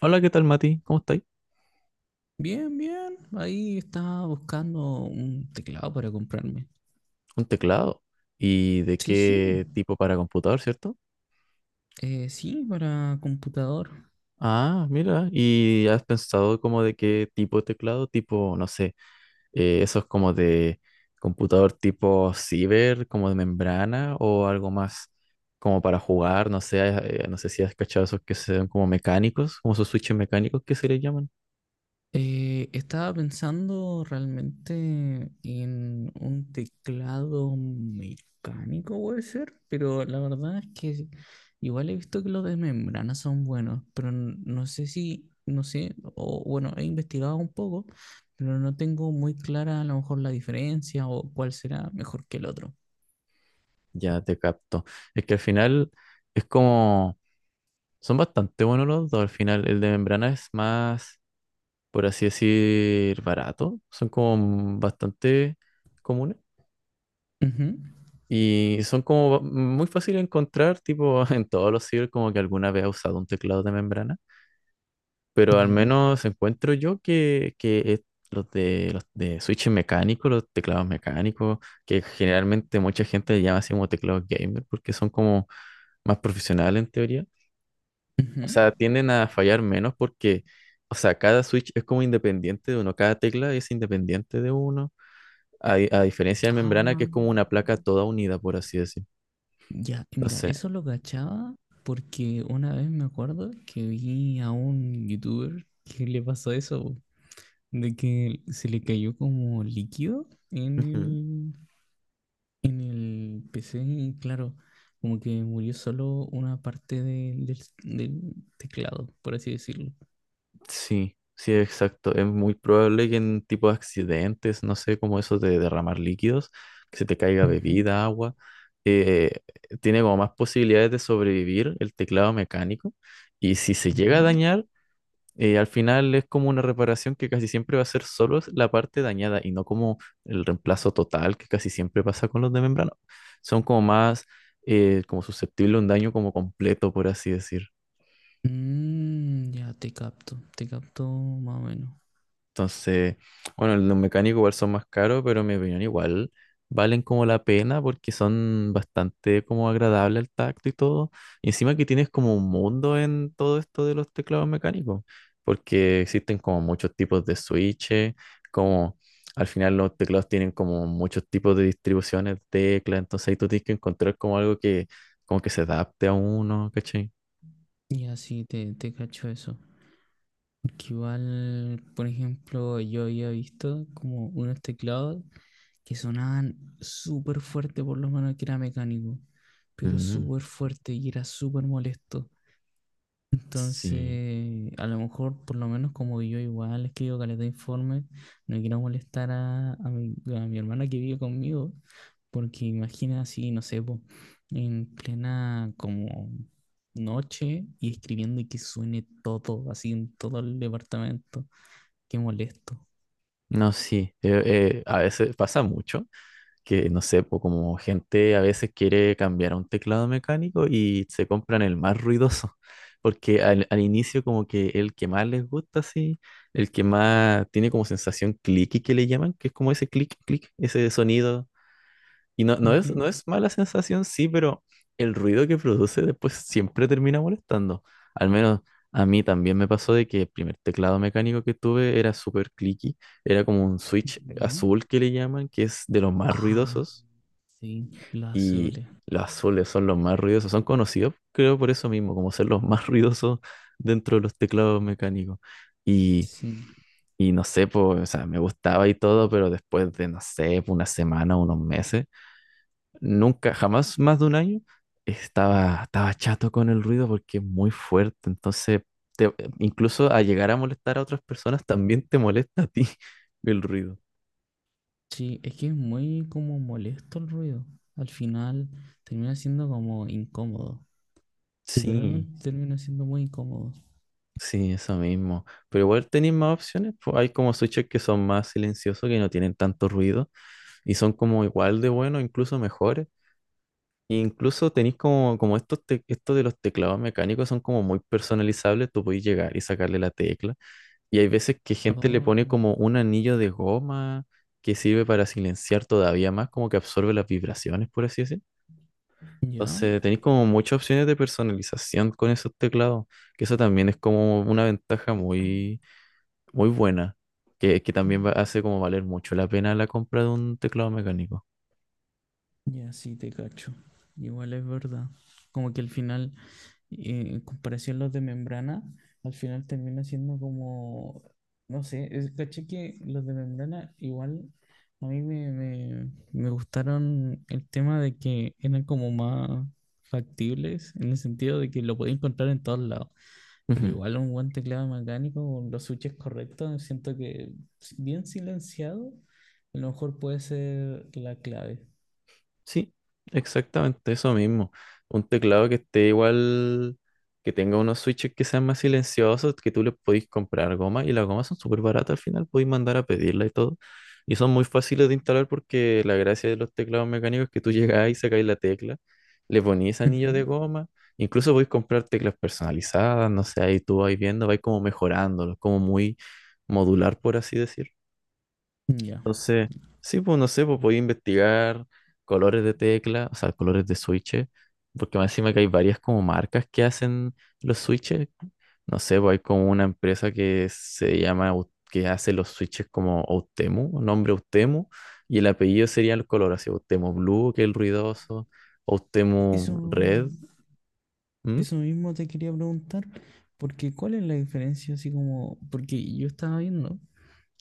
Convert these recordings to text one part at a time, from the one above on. Hola, ¿qué tal, Mati? ¿Cómo estáis? Bien, bien. Ahí estaba buscando un teclado para comprarme. Un teclado. ¿Y de Sí, sí. qué tipo para computador, cierto? Sí, para computador. Ah, mira, ¿y has pensado como de qué tipo de teclado? Tipo, no sé, esos como de computador tipo ciber, como de membrana o algo más como para jugar, no sé, no sé si has cachado esos que son como mecánicos, como esos switches mecánicos que se les llaman. Estaba pensando realmente en un teclado mecánico, puede ser, pero la verdad es que igual he visto que los de membrana son buenos, pero no sé si, no sé, o bueno, he investigado un poco, pero no tengo muy clara a lo mejor la diferencia o cuál será mejor que el otro. Ya te capto. Es que al final es como, son bastante buenos los dos, al final el de membrana es más, por así decir, barato. Son como bastante comunes. Ujú. Y son como muy fáciles de encontrar, tipo en todos los sitios como que alguna vez ha usado un teclado de membrana. Pero al ¿Ya? menos encuentro yo que los de switches mecánicos, los teclados mecánicos, que generalmente mucha gente le llama así como teclados gamer, porque son como más profesionales en teoría. Ujú. O sea, tienden a fallar menos porque, o sea, cada switch es como independiente de uno, cada tecla es independiente de uno. A diferencia de Ah, membrana, que es como una placa toda unida, por así decir. ya, mira, Entonces, eso lo cachaba porque una vez me acuerdo que vi a un youtuber que le pasó eso, po, de que se le cayó como líquido en ujú, el PC y claro, como que murió solo una parte del teclado, por así decirlo. sí, sí, exacto. Es muy probable que en tipo de accidentes, no sé, como eso de derramar líquidos, que se te caiga Ujú. bebida, agua, eh, tiene como más posibilidades de sobrevivir el teclado mecánico. Y si se llega a Ya. dañar, al final es como una reparación que casi siempre va a ser solo la parte dañada y no como el reemplazo total que casi siempre pasa con los de membrana. Son como más como susceptibles a un daño como completo, por así decir. Mm, ya te capto más o menos. Entonces, bueno, los mecánicos igual son más caros, pero en mi opinión igual valen como la pena porque son bastante como agradable al tacto y todo. Y encima que tienes como un mundo en todo esto de los teclados mecánicos, porque existen como muchos tipos de switches, como al final los teclados tienen como muchos tipos de distribuciones de teclas, entonces ahí tú tienes que encontrar como algo que como que se adapte a uno, ¿cachai? Ya, sí, te cacho eso. Que igual, por ejemplo, yo había visto como unos teclados que sonaban súper fuerte, por lo menos que era mecánico, pero Mm, súper fuerte y era súper molesto. sí. Entonces, a lo mejor, por lo menos como yo igual escribo caleta de informes, no quiero molestar a, a mi hermana que vive conmigo, porque imagina así, no sé, po, en plena como noche y escribiendo y que suene todo, así en todo el departamento. Qué molesto. No, sí, a veces pasa mucho que no sé, po, como gente a veces quiere cambiar a un teclado mecánico y se compran el más ruidoso, porque al inicio como que el que más les gusta, así, el que más tiene como sensación clicky que le llaman, que es como ese clic, clic, ese sonido, y no, no es, Ujú. no es mala sensación, sí, pero el ruido que produce después siempre termina molestando, al menos. A mí también me pasó de que el primer teclado mecánico que tuve era súper clicky, era como un switch ¿Ya? azul que le llaman, que es de los más Ah, ruidosos, sí, los y azules. los azules son los más ruidosos, son conocidos, creo, por eso mismo, como ser los más ruidosos dentro de los teclados mecánicos. Y, Sí. y no sé, pues, o sea, me gustaba y todo, pero después de, no sé, po, una semana, unos meses, nunca, jamás más de un año, estaba chato con el ruido porque es muy fuerte. Entonces, te- incluso a llegar a molestar a otras personas, también te molesta a ti el ruido. Sí, es que es muy como molesto el ruido. Al final termina siendo como incómodo. Sí. Literalmente termina siendo muy incómodo. Sí, eso mismo. Pero igual tenéis más opciones, pues hay como switches que son más silenciosos, que no tienen tanto ruido y son como igual de buenos, incluso mejores. E incluso tenéis como, estos de los teclados mecánicos son como muy personalizables. Tú podéis llegar y sacarle la tecla. Y hay veces que gente le pone Oh, como un anillo de goma que sirve para silenciar todavía más, como que absorbe las vibraciones, por así decir. ya. Entonces tenéis como muchas opciones de personalización con esos teclados, que eso también es como una ventaja muy muy buena, que también hace como valer mucho la pena la compra de un teclado mecánico. Ya, sí, te cacho. Igual es verdad. Como que al final, en comparación a los de membrana, al final termina siendo como, no sé, es, caché que los de membrana igual a mí me gustaron el tema de que eran como más factibles, en el sentido de que lo podía encontrar en todos lados. Pero Ujú. igual un buen teclado mecánico con los switches correctos, siento que bien silenciado, a lo mejor puede ser la clave. Sí, exactamente eso mismo. Un teclado que esté igual, que tenga unos switches que sean más silenciosos, que tú le podís comprar goma y las gomas son súper baratas al final, podéis mandar a pedirla y todo. Y son muy fáciles de instalar porque la gracia de los teclados mecánicos es que tú llegás y sacáis la tecla, le ponís anillo de Ujú. goma, incluso podéis comprar teclas personalizadas, no sé, ahí tú vais viendo, vais como mejorándolos, como muy modular, por así decir. Ya. Entonces, sí, pues no sé, pues podía investigar colores de tecla, o sea, colores de switches, porque más encima que hay varias como marcas que hacen los switches. No sé, pues hay como una empresa que se llama, que hace los switches como Outemu, nombre Outemu, y el apellido sería el color, así Outemu Blue, que es el ruidoso, Eso, Outemu Red. ¿Mm? eso mismo te quería preguntar, porque ¿cuál es la diferencia? Así como, porque yo estaba viendo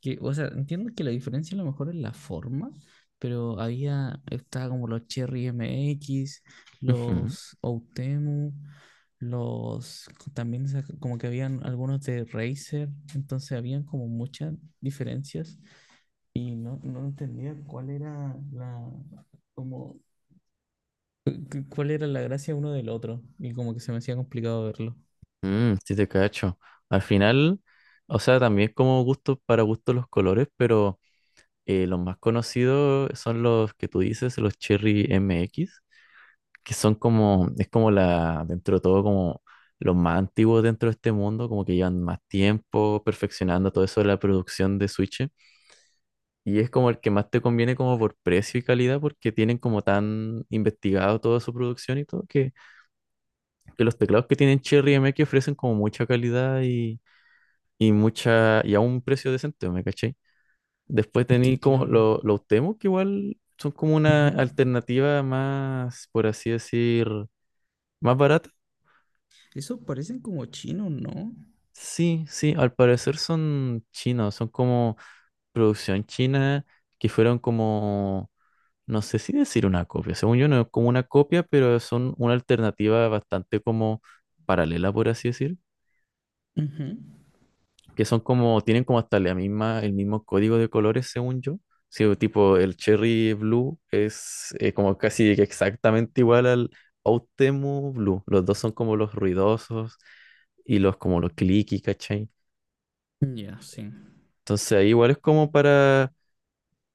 que, o sea, entiendo que la diferencia a lo mejor es la forma, pero había, estaba como los Cherry MX, Ujú. los Outemu, los, también como que habían algunos de Razer, entonces habían como muchas diferencias y no, no entendía cuál era la, como cuál era la gracia uno del otro. Y como que se me hacía complicado verlo. Mm, sí te cacho. Al final, o sea, también como gusto para gusto los colores, pero los más conocidos son los que tú dices, los Cherry MX, que son como, es como la, dentro de todo, como los más antiguos dentro de este mundo, como que llevan más tiempo perfeccionando todo eso de la producción de Switch. Y es como el que más te conviene como por precio y calidad, porque tienen como tan investigado toda su producción y todo, que los teclados que tienen Cherry MX ofrecen como mucha calidad y mucha, y a un precio decente, ¿me caché? Después Es que tenéis como claro. Los demos, que igual son como una Ujú. alternativa más, por así decir, más barata. Esos parecen como chinos, ¿no? Sí, sí, al parecer son chinos, son como producción china, que fueron como, no sé si decir una copia, según yo no es como una copia, pero son una alternativa bastante como paralela, por así decir. Ujú. Que son como, tienen como hasta la misma, el mismo código de colores, según yo. Sí, o tipo el Cherry Blue es, como casi que exactamente igual al Outemu Blue. Los dos son como los ruidosos y los como los clicky, ¿cachai? Ya, sí. Entonces ahí igual es como para,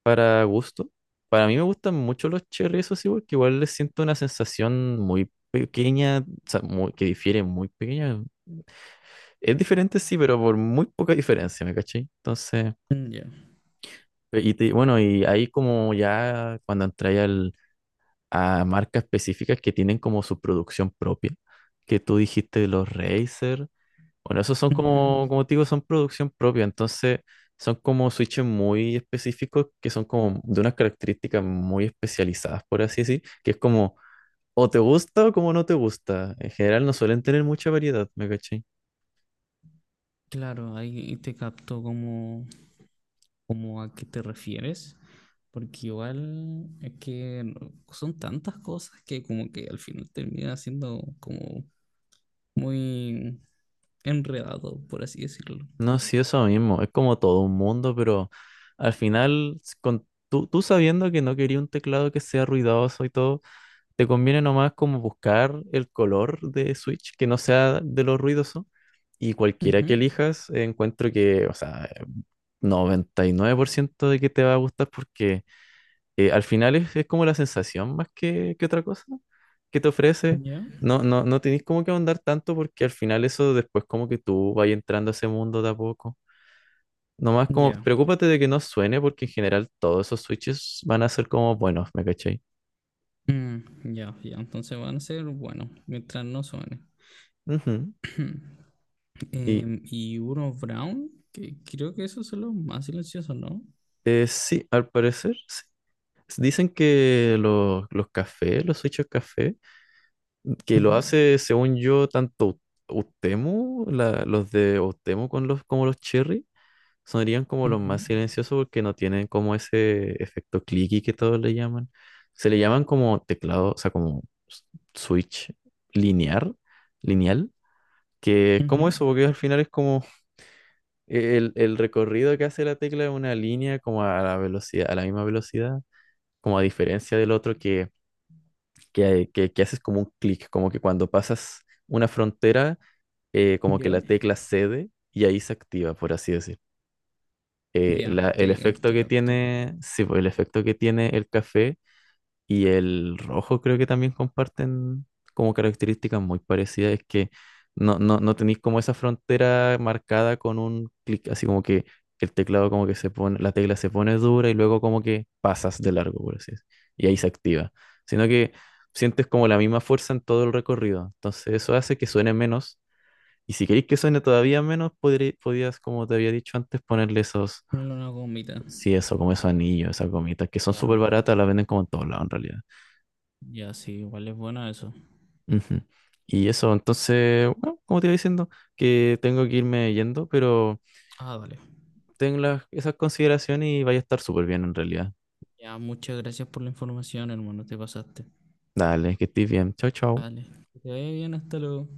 para gusto. Para mí me gustan mucho los cherry, eso sí, porque igual les siento una sensación muy pequeña, o sea, que difiere muy pequeña. Es diferente, sí, pero por muy poca diferencia, ¿me cachai? Entonces, Mm, ya. Y bueno, y ahí como ya cuando entré a marcas específicas que tienen como su producción propia, que tú dijiste de los Razer, bueno, esos son Ujú. como, como te digo, son producción propia, entonces son como switches muy específicos que son como de unas características muy especializadas, por así decir, que es como o te gusta o como no te gusta. En general no suelen tener mucha variedad, ¿me caché? Claro, ahí te capto como, como a qué te refieres. Porque igual es que no- son tantas cosas que como que al final termina siendo como muy enredado, por así decirlo. No, sí, eso mismo. Es como todo un mundo, pero al final, con, tú sabiendo que no quería un teclado que sea ruidoso y todo, te conviene nomás como buscar el color de Switch que no sea de lo ruidoso. Y cualquiera que Ujú. elijas, encuentro que, o sea, 99% de que te va a gustar porque al final es como la sensación más que otra cosa que te ofrece. Ya. No, no, no tenés como que ahondar tanto porque al final eso después como que tú vas entrando a ese mundo de a poco. Nomás como, Ya. preocúpate de que no suene, porque en general todos esos switches van a ser como buenos, ¿me cachai? Mm, ya, ya, entonces van a ser bueno, mientras no suene. Ujú. Y Y uno Brown, que creo que esos son los más silenciosos, ¿no? Sí, al parecer, sí. Dicen que los cafés, los switches café, que lo Ujú, hace, según yo, tanto Utemu, los de Utemu con los, como los Cherry, sonarían como los ujú, más silenciosos porque no tienen como ese efecto clicky que todos le llaman. Se le llaman como teclado, o sea, como s- switch lineal, lineal. Que es como ujú. eso, porque al final es como el recorrido que hace la tecla de una línea como a la velocidad, a la misma velocidad, como a diferencia del otro que haces como un clic, como que cuando pasas una frontera, como que Ya, la tecla cede y ahí se activa, por así decir. Eh, ya, la- el efecto te que capto. tiene, sí, pues, el efecto que tiene el café y el rojo creo que también comparten como características muy parecidas. Es que no, no, no tenéis como esa frontera marcada con un clic, así como que el teclado como que se pone, la tecla se pone dura y luego como que pasas de largo, por así decirlo. Y ahí se activa. Sino que sientes como la misma fuerza en todo el recorrido. Entonces eso hace que suene menos. Y si queréis que suene todavía menos, podías, como te había dicho antes, ponerle esos, Ponle una gomita. sí, eso, como esos anillos, esas gomitas, que son súper Ya, baratas, las venden como en todos lados en realidad. ya, sí, igual es bueno eso. Ujú. Y eso, entonces, bueno, como te iba diciendo, que tengo que irme yendo, pero Ah, vale. ten las, esas consideraciones y vaya a estar súper bien en realidad. Ya, muchas gracias por la información, hermano, te pasaste. Dale, que estés bien. Chao, chao. Vale, que te vaya bien, hasta luego.